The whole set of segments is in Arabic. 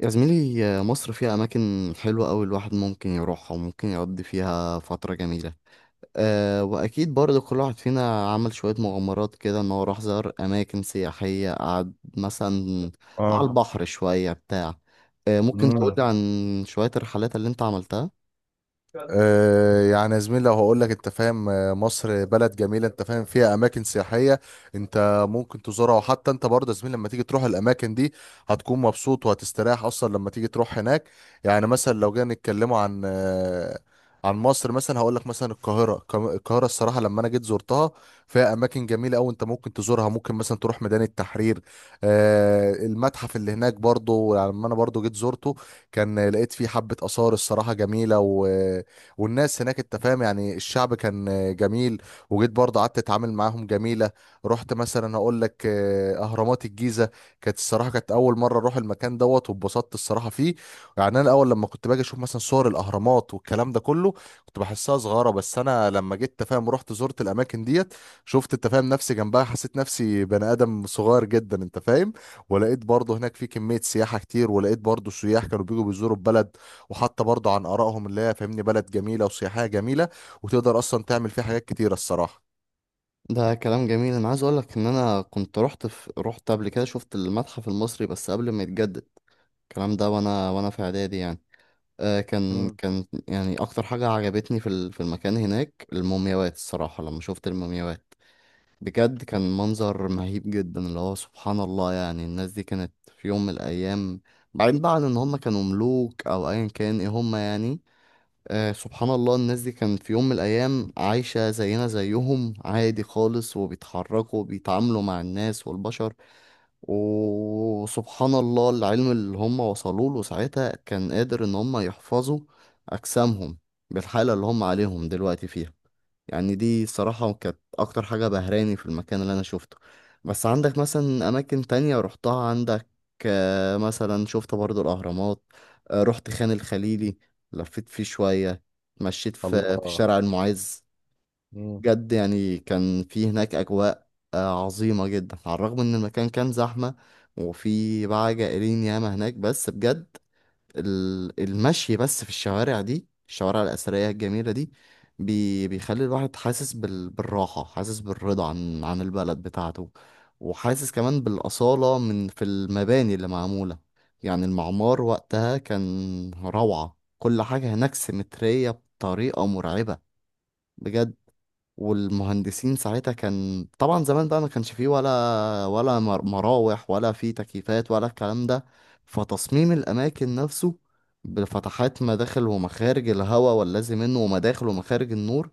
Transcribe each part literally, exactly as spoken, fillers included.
يا زميلي، مصر فيها أماكن حلوة أوي. الواحد ممكن يروحها وممكن يقضي فيها فترة جميلة. أه وأكيد برضه كل واحد فينا عمل شوية مغامرات كده إن هو راح زار أماكن سياحية، قعد مثلا اه. على البحر شوية بتاع. أه ممكن تقولي امم عن شوية الرحلات اللي أنت عملتها؟ آه، يعني يا زميلي، لو هقول لك انت فاهم، آه، مصر بلد جميله، انت فاهم، فيها اماكن سياحيه، انت ممكن تزورها. وحتى انت برضه يا زميلي لما تيجي تروح الاماكن دي، هتكون مبسوط وهتستريح اصلا لما تيجي تروح هناك. يعني مثلا لو جينا نتكلموا عن آه، عن مصر، مثلا هقول لك مثلا القاهره، القا- القاهره الصراحه لما انا جيت زرتها، فيها اماكن جميله قوي، انت ممكن تزورها. ممكن مثلا تروح ميدان التحرير، آه، المتحف اللي هناك برضه، يعني لما انا برضه جيت زرته، كان لقيت فيه حبه اثار الصراحه جميله، و والناس هناك، انت فاهم يعني الشعب كان آه، جميل، وجيت برضه قعدت اتعامل معاهم جميله. رحت مثلا هقول لك آه، اهرامات الجيزه، كانت الصراحه كانت اول مره اروح المكان دوت، واتبسطت الصراحه فيه. يعني انا الاول لما كنت باجي اشوف مثلا صور الاهرامات والكلام ده كله، كنت بحسها صغيره. بس انا لما جيت أنت فاهم رحت زرت الاماكن ديت، شفت انت فاهم نفسي جنبها، حسيت نفسي بني ادم صغير جدا انت فاهم. ولقيت برضه هناك في كميه سياحه كتير، ولقيت برضه سياح كانوا بيجوا بيزوروا البلد، وحتى برضه عن آرائهم اللي هي فاهمني بلد جميلة وسياحية جميلة، وتقدر أصلا تعمل فيها حاجات كتيرة الصراحة. ده كلام جميل. أنا عايز أقولك إن أنا كنت رحت في... رحت قبل كده، شفت المتحف المصري بس قبل ما يتجدد الكلام ده، وأنا وأنا في إعدادي يعني. آه، كان مم. كان يعني اكتر حاجة عجبتني في ال- في المكان هناك المومياوات. الصراحة لما شفت المومياوات بجد كان منظر مهيب جدا، اللي هو سبحان الله. يعني الناس دي كانت في يوم من الايام، بعدين بقى عن ان هم كانوا ملوك او ايا كان ايه هم يعني. آه سبحان الله، الناس دي كانت في يوم من الايام عايشة زينا زيهم عادي خالص، وبيتحركوا وبيتعاملوا مع الناس والبشر. وسبحان الله العلم اللي هم وصلوا له ساعتها كان قادر ان هم يحفظوا اجسامهم بالحالة اللي هم عليهم دلوقتي فيها. يعني دي صراحة كانت اكتر حاجة بهراني في المكان اللي انا شفته. بس عندك مثلا اماكن تانية رحتها؟ عندك آه، مثلا شفت برضو الاهرامات، آه، رحت خان الخليلي، لفيت فيه شوية، مشيت في في الله. شارع المعز. مم. بجد يعني كان في هناك أجواء آه، عظيمة جدا، على الرغم إن المكان كان زحمة وفي بقى جائلين ياما هناك. بس بجد ال- المشي بس في الشوارع دي، الشوارع الأثرية الجميلة دي، بي بيخلي الواحد حاسس بال بالراحة، حاسس بالرضا عن عن البلد بتاعته. وحاسس كمان بالأصالة من في المباني اللي معمولة. يعني المعمار وقتها كان روعة، كل حاجة هناك سيمترية بطريقة مرعبة بجد. والمهندسين ساعتها، كان طبعا زمان بقى ما كانش فيه ولا ولا مر- مراوح ولا فيه تكييفات ولا الكلام ده. فتصميم الأماكن نفسه، بفتحات مداخل ومخارج الهواء والذي منه، ومداخل ومخارج النور،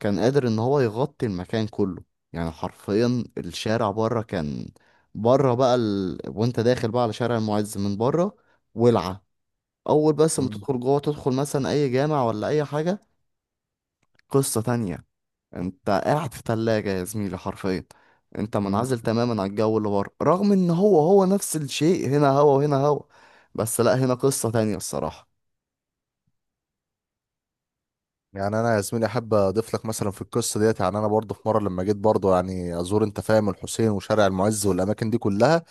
كان قادر إن هو يغطي المكان كله. يعني حرفيا الشارع بره كان بره بقى ال... وانت داخل بقى على شارع المعز من بره ولعة. أول بس ما مم. تدخل جوه، تدخل مثلا أي جامع ولا أي حاجة، قصة تانية. انت قاعد في تلاجة يا زميلي حرفيا. انت مم. منعزل تماما عن الجو اللي بره، رغم ان هو هو نفس الشيء، هنا هوا وهنا هوا. بس لا، هنا قصة تانية الصراحة. يعني انا يا زميلي احب اضيف لك مثلا في القصه ديت، يعني انا برضه في مره لما جيت برضه يعني ازور انت فاهم الحسين وشارع المعز والاماكن دي كلها،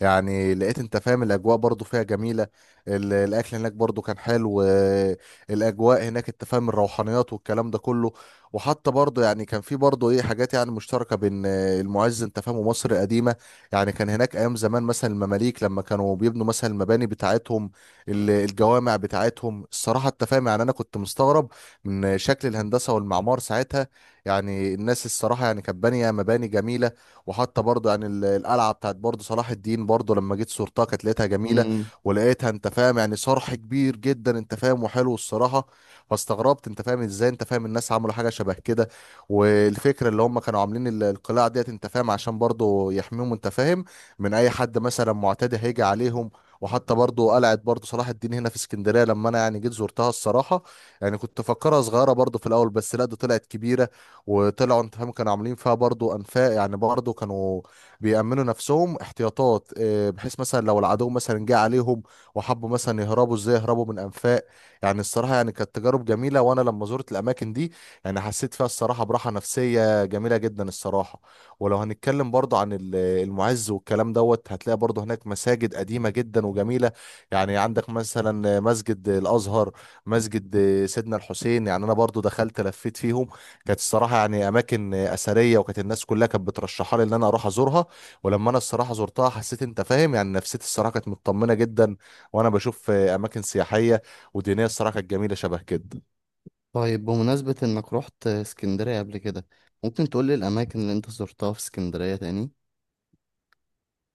يعني لقيت انت فاهم الاجواء برضه فيها جميله، ال- الاكل هناك برضه كان حلو، آه، الاجواء هناك انت فاهم الروحانيات والكلام ده كله. وحتى برضه يعني كان في برضه ايه حاجات يعني مشتركه بين آه، المعز انت فاهم ومصر القديمه. يعني كان هناك ايام زمان مثلا المماليك لما كانوا بيبنوا مثلا المباني بتاعتهم، ال- الجوامع بتاعتهم الصراحه، انت فاهم يعني انا كنت مستغرب من شكل الهندسة والمعمار ساعتها. يعني الناس الصراحة يعني كانت بانية مباني جميلة. وحتى برضه يعني ال- القلعة بتاعت برضه صلاح الدين، برضه لما جيت صورتها كانت لقيتها جميلة، امم. ولقيتها انت فاهم يعني صرح كبير جدا انت فاهم وحلو الصراحة. فاستغربت انت فاهم ازاي انت فاهم الناس عملوا حاجة شبه كده. والفكرة اللي هم كانوا عاملين ال- القلاع ديت انت فاهم عشان برضه يحميهم انت فاهم من اي حد مثلا معتدي هيجي عليهم. وحتى برضه قلعة برضه صلاح الدين هنا في اسكندرية، لما انا يعني جيت زرتها الصراحة، يعني كنت فاكرها صغيرة برضو في الأول، بس لا ده طلعت كبيرة، وطلعوا أنت فاهم كانوا عاملين فيها برضو أنفاق. يعني برضو كانوا بيأمنوا نفسهم احتياطات، آه، بحيث مثلا لو العدو مثلا جه عليهم وحبوا مثلا يهربوا، ازاي يهربوا من أنفاق. يعني الصراحة يعني كانت تجارب جميلة، وأنا لما زرت الأماكن دي، يعني حسيت فيها الصراحة براحة نفسية جميلة جدا الصراحة. ولو هنتكلم برضو عن ال- المعز والكلام دوت، هتلاقي برضو هناك مساجد قديمة جدا وجميلة. يعني عندك مثلا مسجد الأزهر، مسجد سيدنا الحسين، يعني انا برضو دخلت لفيت فيهم، كانت الصراحه يعني اماكن اثريه، وكانت الناس كلها كانت بترشحها لي ان انا اروح ازورها. ولما انا الصراحه زرتها، حسيت انت فاهم يعني نفسيتي الصراحه كانت مطمنه جدا، وانا بشوف اماكن سياحيه ودينيه الصراحه كانت جميله شبه كده. طيب، بمناسبة انك رحت اسكندرية قبل كده، ممكن تقولي الاماكن اللي انت زرتها في اسكندرية تاني؟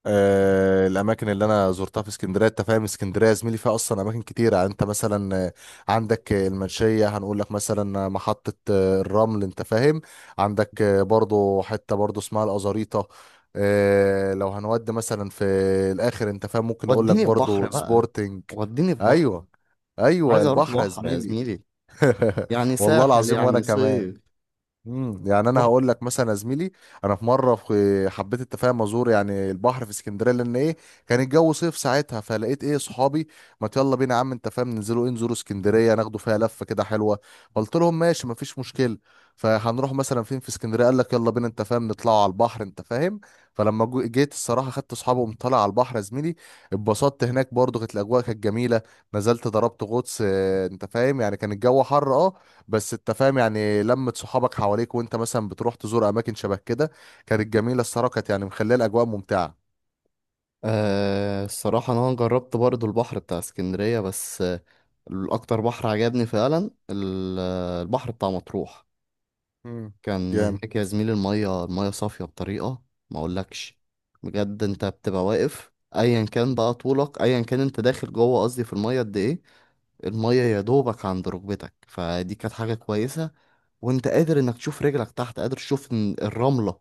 آه، الاماكن اللي انا زرتها في اسكندريه، انت فاهم اسكندريه يا زميلي فيها اصلا اماكن كتيره، يعني انت مثلا آه، عندك آه، المنشيه، هنقول لك مثلا آه، محطه آه، الرمل انت فاهم، عندك آه، برضو حته برضو اسمها الازاريطه. آه، لو هنودي مثلا في الاخر انت فاهم ممكن اقول لك وديني في بحر برضو بقى، سبورتنج. وديني في بحر. ايوه. ايوه، عايز اروح البحر يا بحر يا زميلي. زميلي، يعني والله ساحل العظيم وانا يعني كمان. صيف. امم. يعني انا رحت. هقول لك مثلا يا زميلي، انا في مره في حبيت التفاهم ازور يعني البحر في اسكندريه، لان ايه كان الجو صيف ساعتها، فلقيت ايه صحابي، ما يلا بينا يا عم انت فاهم ننزلوا ايه نزوروا اسكندريه، ناخدوا فيها لفه كده حلوه. قلت لهم ماشي، ما فيش مشكله. فهنروح مثلا فين في اسكندريه؟ قال لك يلا بينا انت فاهم نطلعوا على البحر انت فاهم. فلما جو- جيت الصراحه خدت اصحابي، وقمت طالع على البحر يا زميلي، اتبسطت هناك برضو، كانت الاجواء كانت جميله. نزلت ضربت غطس آه، انت فاهم يعني كان الجو حر اه، بس انت فاهم يعني لمة صحابك حواليك وانت مثلا بتروح تزور اماكن شبه كده، كانت جميلة الصراحة، كانت يعني مخلية الاجواء ممتعة. آه الصراحة انا جربت برضو البحر بتاع اسكندرية، بس الأكتر بحر عجبني فعلا ال- البحر بتاع مطروح. امم. كان جامد. هناك يا زميلي المية المية صافية بطريقة ما أقولكش. بجد أنت بتبقى واقف أيا كان بقى طولك، أيا كان أنت داخل جوه، قصدي في المية قد إيه؟ المية يا دوبك عند ركبتك، فدي كانت حاجة كويسة. وأنت قادر إنك تشوف رجلك تحت، قادر تشوف ال- الرملة،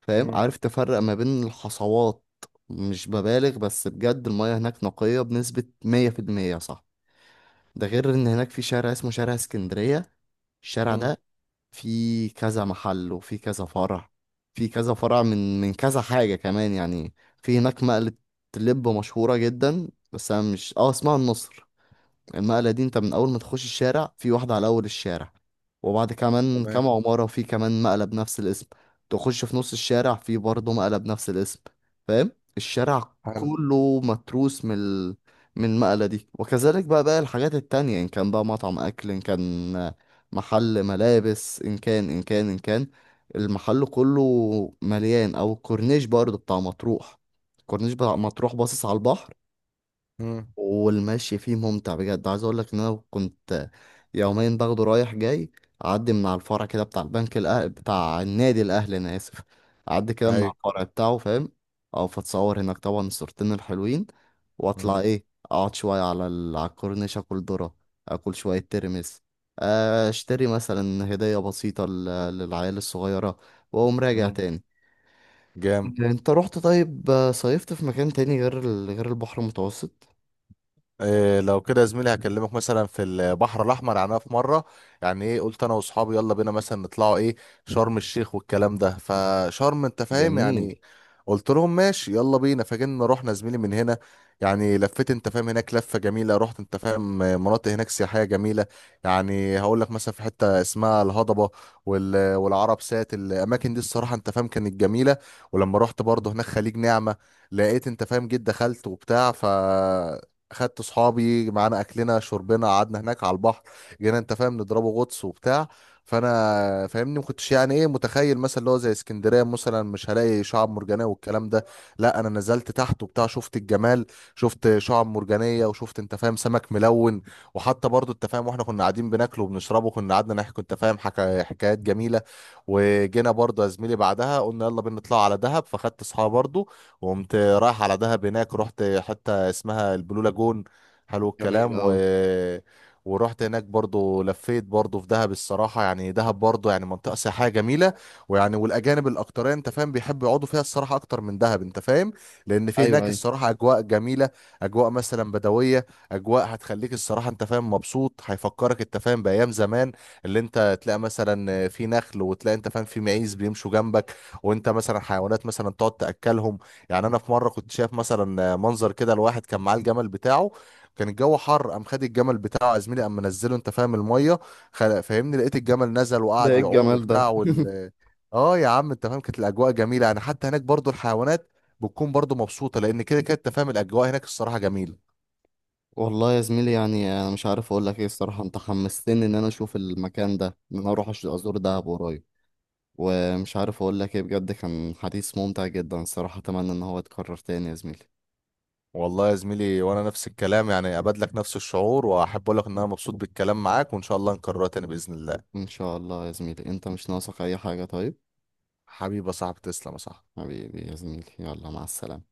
فاهم، امم. عارف تفرق ما بين الحصوات. مش ببالغ بس بجد المية هناك نقية بنسبة مية في المية، صح. ده غير ان هناك في شارع اسمه شارع اسكندرية. الشارع مم. ده فيه كذا محل وفيه كذا فرع، في كذا فرع من من كذا حاجة كمان يعني. في هناك مقلة لب مشهورة جدا، بس انا مش اه اسمها النصر. المقلة دي، انت من اول ما تخش الشارع في واحدة على اول الشارع، وبعد كمان تمام. كام عمارة في كمان مقلة بنفس الاسم، تخش في نص الشارع في برضه مقلة بنفس الاسم. فاهم؟ الشارع حلو. كله متروس من ال... من المقلة دي. وكذلك بقى باقي الحاجات التانية، إن كان بقى مطعم أكل، إن كان محل ملابس، إن كان إن كان إن كان، المحل كله مليان. أو الكورنيش برضه بتاع مطروح، الكورنيش بتاع مطروح باصص على البحر، مم. والمشي فيه ممتع بجد. عايز اقول لك ان انا كنت يومين باخده رايح جاي، اعدي من على الفرع كده بتاع البنك الأهل بتاع النادي الاهلي، انا اسف، اعدي كده من اي. على الفرع بتاعه، فاهم، او فتصور هناك طبعا الصورتين الحلوين، واطلع مم. ايه، اقعد شويه على ال... على الكورنيش، اكل ذره، اكل شويه ترمس، اشتري مثلا هديه بسيطه لل... للعيال الصغيره، واقوم راجع مم. تاني. جامد. انت رحت طيب، صيفت في مكان تاني غير ال... غير البحر المتوسط؟ إيه لو كده يا زميلي هكلمك مثلا في البحر الاحمر. يعني أنا في مره يعني ايه قلت انا واصحابي يلا بينا مثلا نطلعوا ايه شرم الشيخ والكلام ده، فشرم انت فاهم جميل. يعني قلت لهم ماشي يلا بينا. فجينا رحنا زميلي من هنا، يعني لفيت انت فاهم هناك لفه جميله، رحت انت فاهم مناطق هناك سياحيه جميله. يعني هقول لك مثلا في حته اسمها الهضبه، وال- والعرب سات، الاماكن دي الصراحه انت فاهم كانت جميله. ولما رحت برضه هناك خليج نعمه، لقيت انت فاهم جيت دخلت وبتاع، ف خدت صحابي معانا اكلنا شربنا قعدنا هناك على البحر، جينا انت فاهم نضربه غطس وبتاع. فانا فاهمني ما كنتش يعني ايه متخيل مثلا اللي هو زي اسكندريه مثلا مش هلاقي شعاب مرجانيه والكلام ده، لا انا نزلت تحت وبتاع شفت الجمال، شفت شعاب مرجانيه وشفت انت فاهم سمك ملون. وحتى برضو انت فاهم واحنا كنا قاعدين بناكله وبنشربه، كنا قعدنا نحكي انت فاهم حكا حكايات جميله. وجينا برضو يا زميلي بعدها قلنا يلا بينا نطلع على دهب، فخدت اصحابي برضو وقمت رايح على دهب، هناك رحت حتة اسمها البلو لاجون، حلو جميل الكلام. و أوي. ورحت هناك برضو لفيت برضو في دهب، الصراحة يعني دهب برضو يعني منطقة سياحية جميلة. ويعني والأجانب الأكترية أنت فاهم بيحبوا يقعدوا فيها الصراحة أكتر من دهب أنت فاهم، لأن في أيوه، هناك أيوه. الصراحة أجواء جميلة، أجواء مثلا بدوية، أجواء هتخليك الصراحة أنت فاهم مبسوط، هيفكرك أنت فاهم بأيام زمان، اللي أنت تلاقي مثلا في نخل، وتلاقي أنت فاهم في معيز بيمشوا جنبك، وأنت مثلا حيوانات مثلا تقعد تأكلهم. يعني انا في مره كنت شايف مثلا منظر كده الواحد كان معاه الجمل بتاعه، كان الجو حر، قام خد الجمل بتاعه يا زميلي قام منزله انت فاهم الميه، خل- فاهمني لقيت الجمل نزل ده وقعد إيه يعوم الجمال ده؟ وبتاع وال. اه يا عم انت فاهم كانت الاجواء جميله، يعني حتى هناك برضو الحيوانات بتكون برضو مبسوطه، لان كده كده انت فاهم الاجواء هناك الصراحه جميله. والله يا زميلي، يعني أنا مش عارف أقول لك إيه الصراحة. أنت حمستني إن أنا أشوف المكان ده، إن أنا أروح أش- أزور دهب قريب. ومش عارف أقول لك إيه، بجد كان حديث ممتع جدا الصراحة، أتمنى إن هو يتكرر تاني يا زميلي. والله يا زميلي وانا نفس الكلام، يعني اباد لك نفس الشعور، واحب اقول لك ان انا مبسوط بالكلام معاك، وان شاء الله نكررها تاني باذن الله. إن شاء الله يا زميلي، أنت مش ناقصك أي حاجة طيب. حبيبي يا صاحبي، تسلم يا صاحبي. حبيبي يا زميلي، يلا مع السلامة.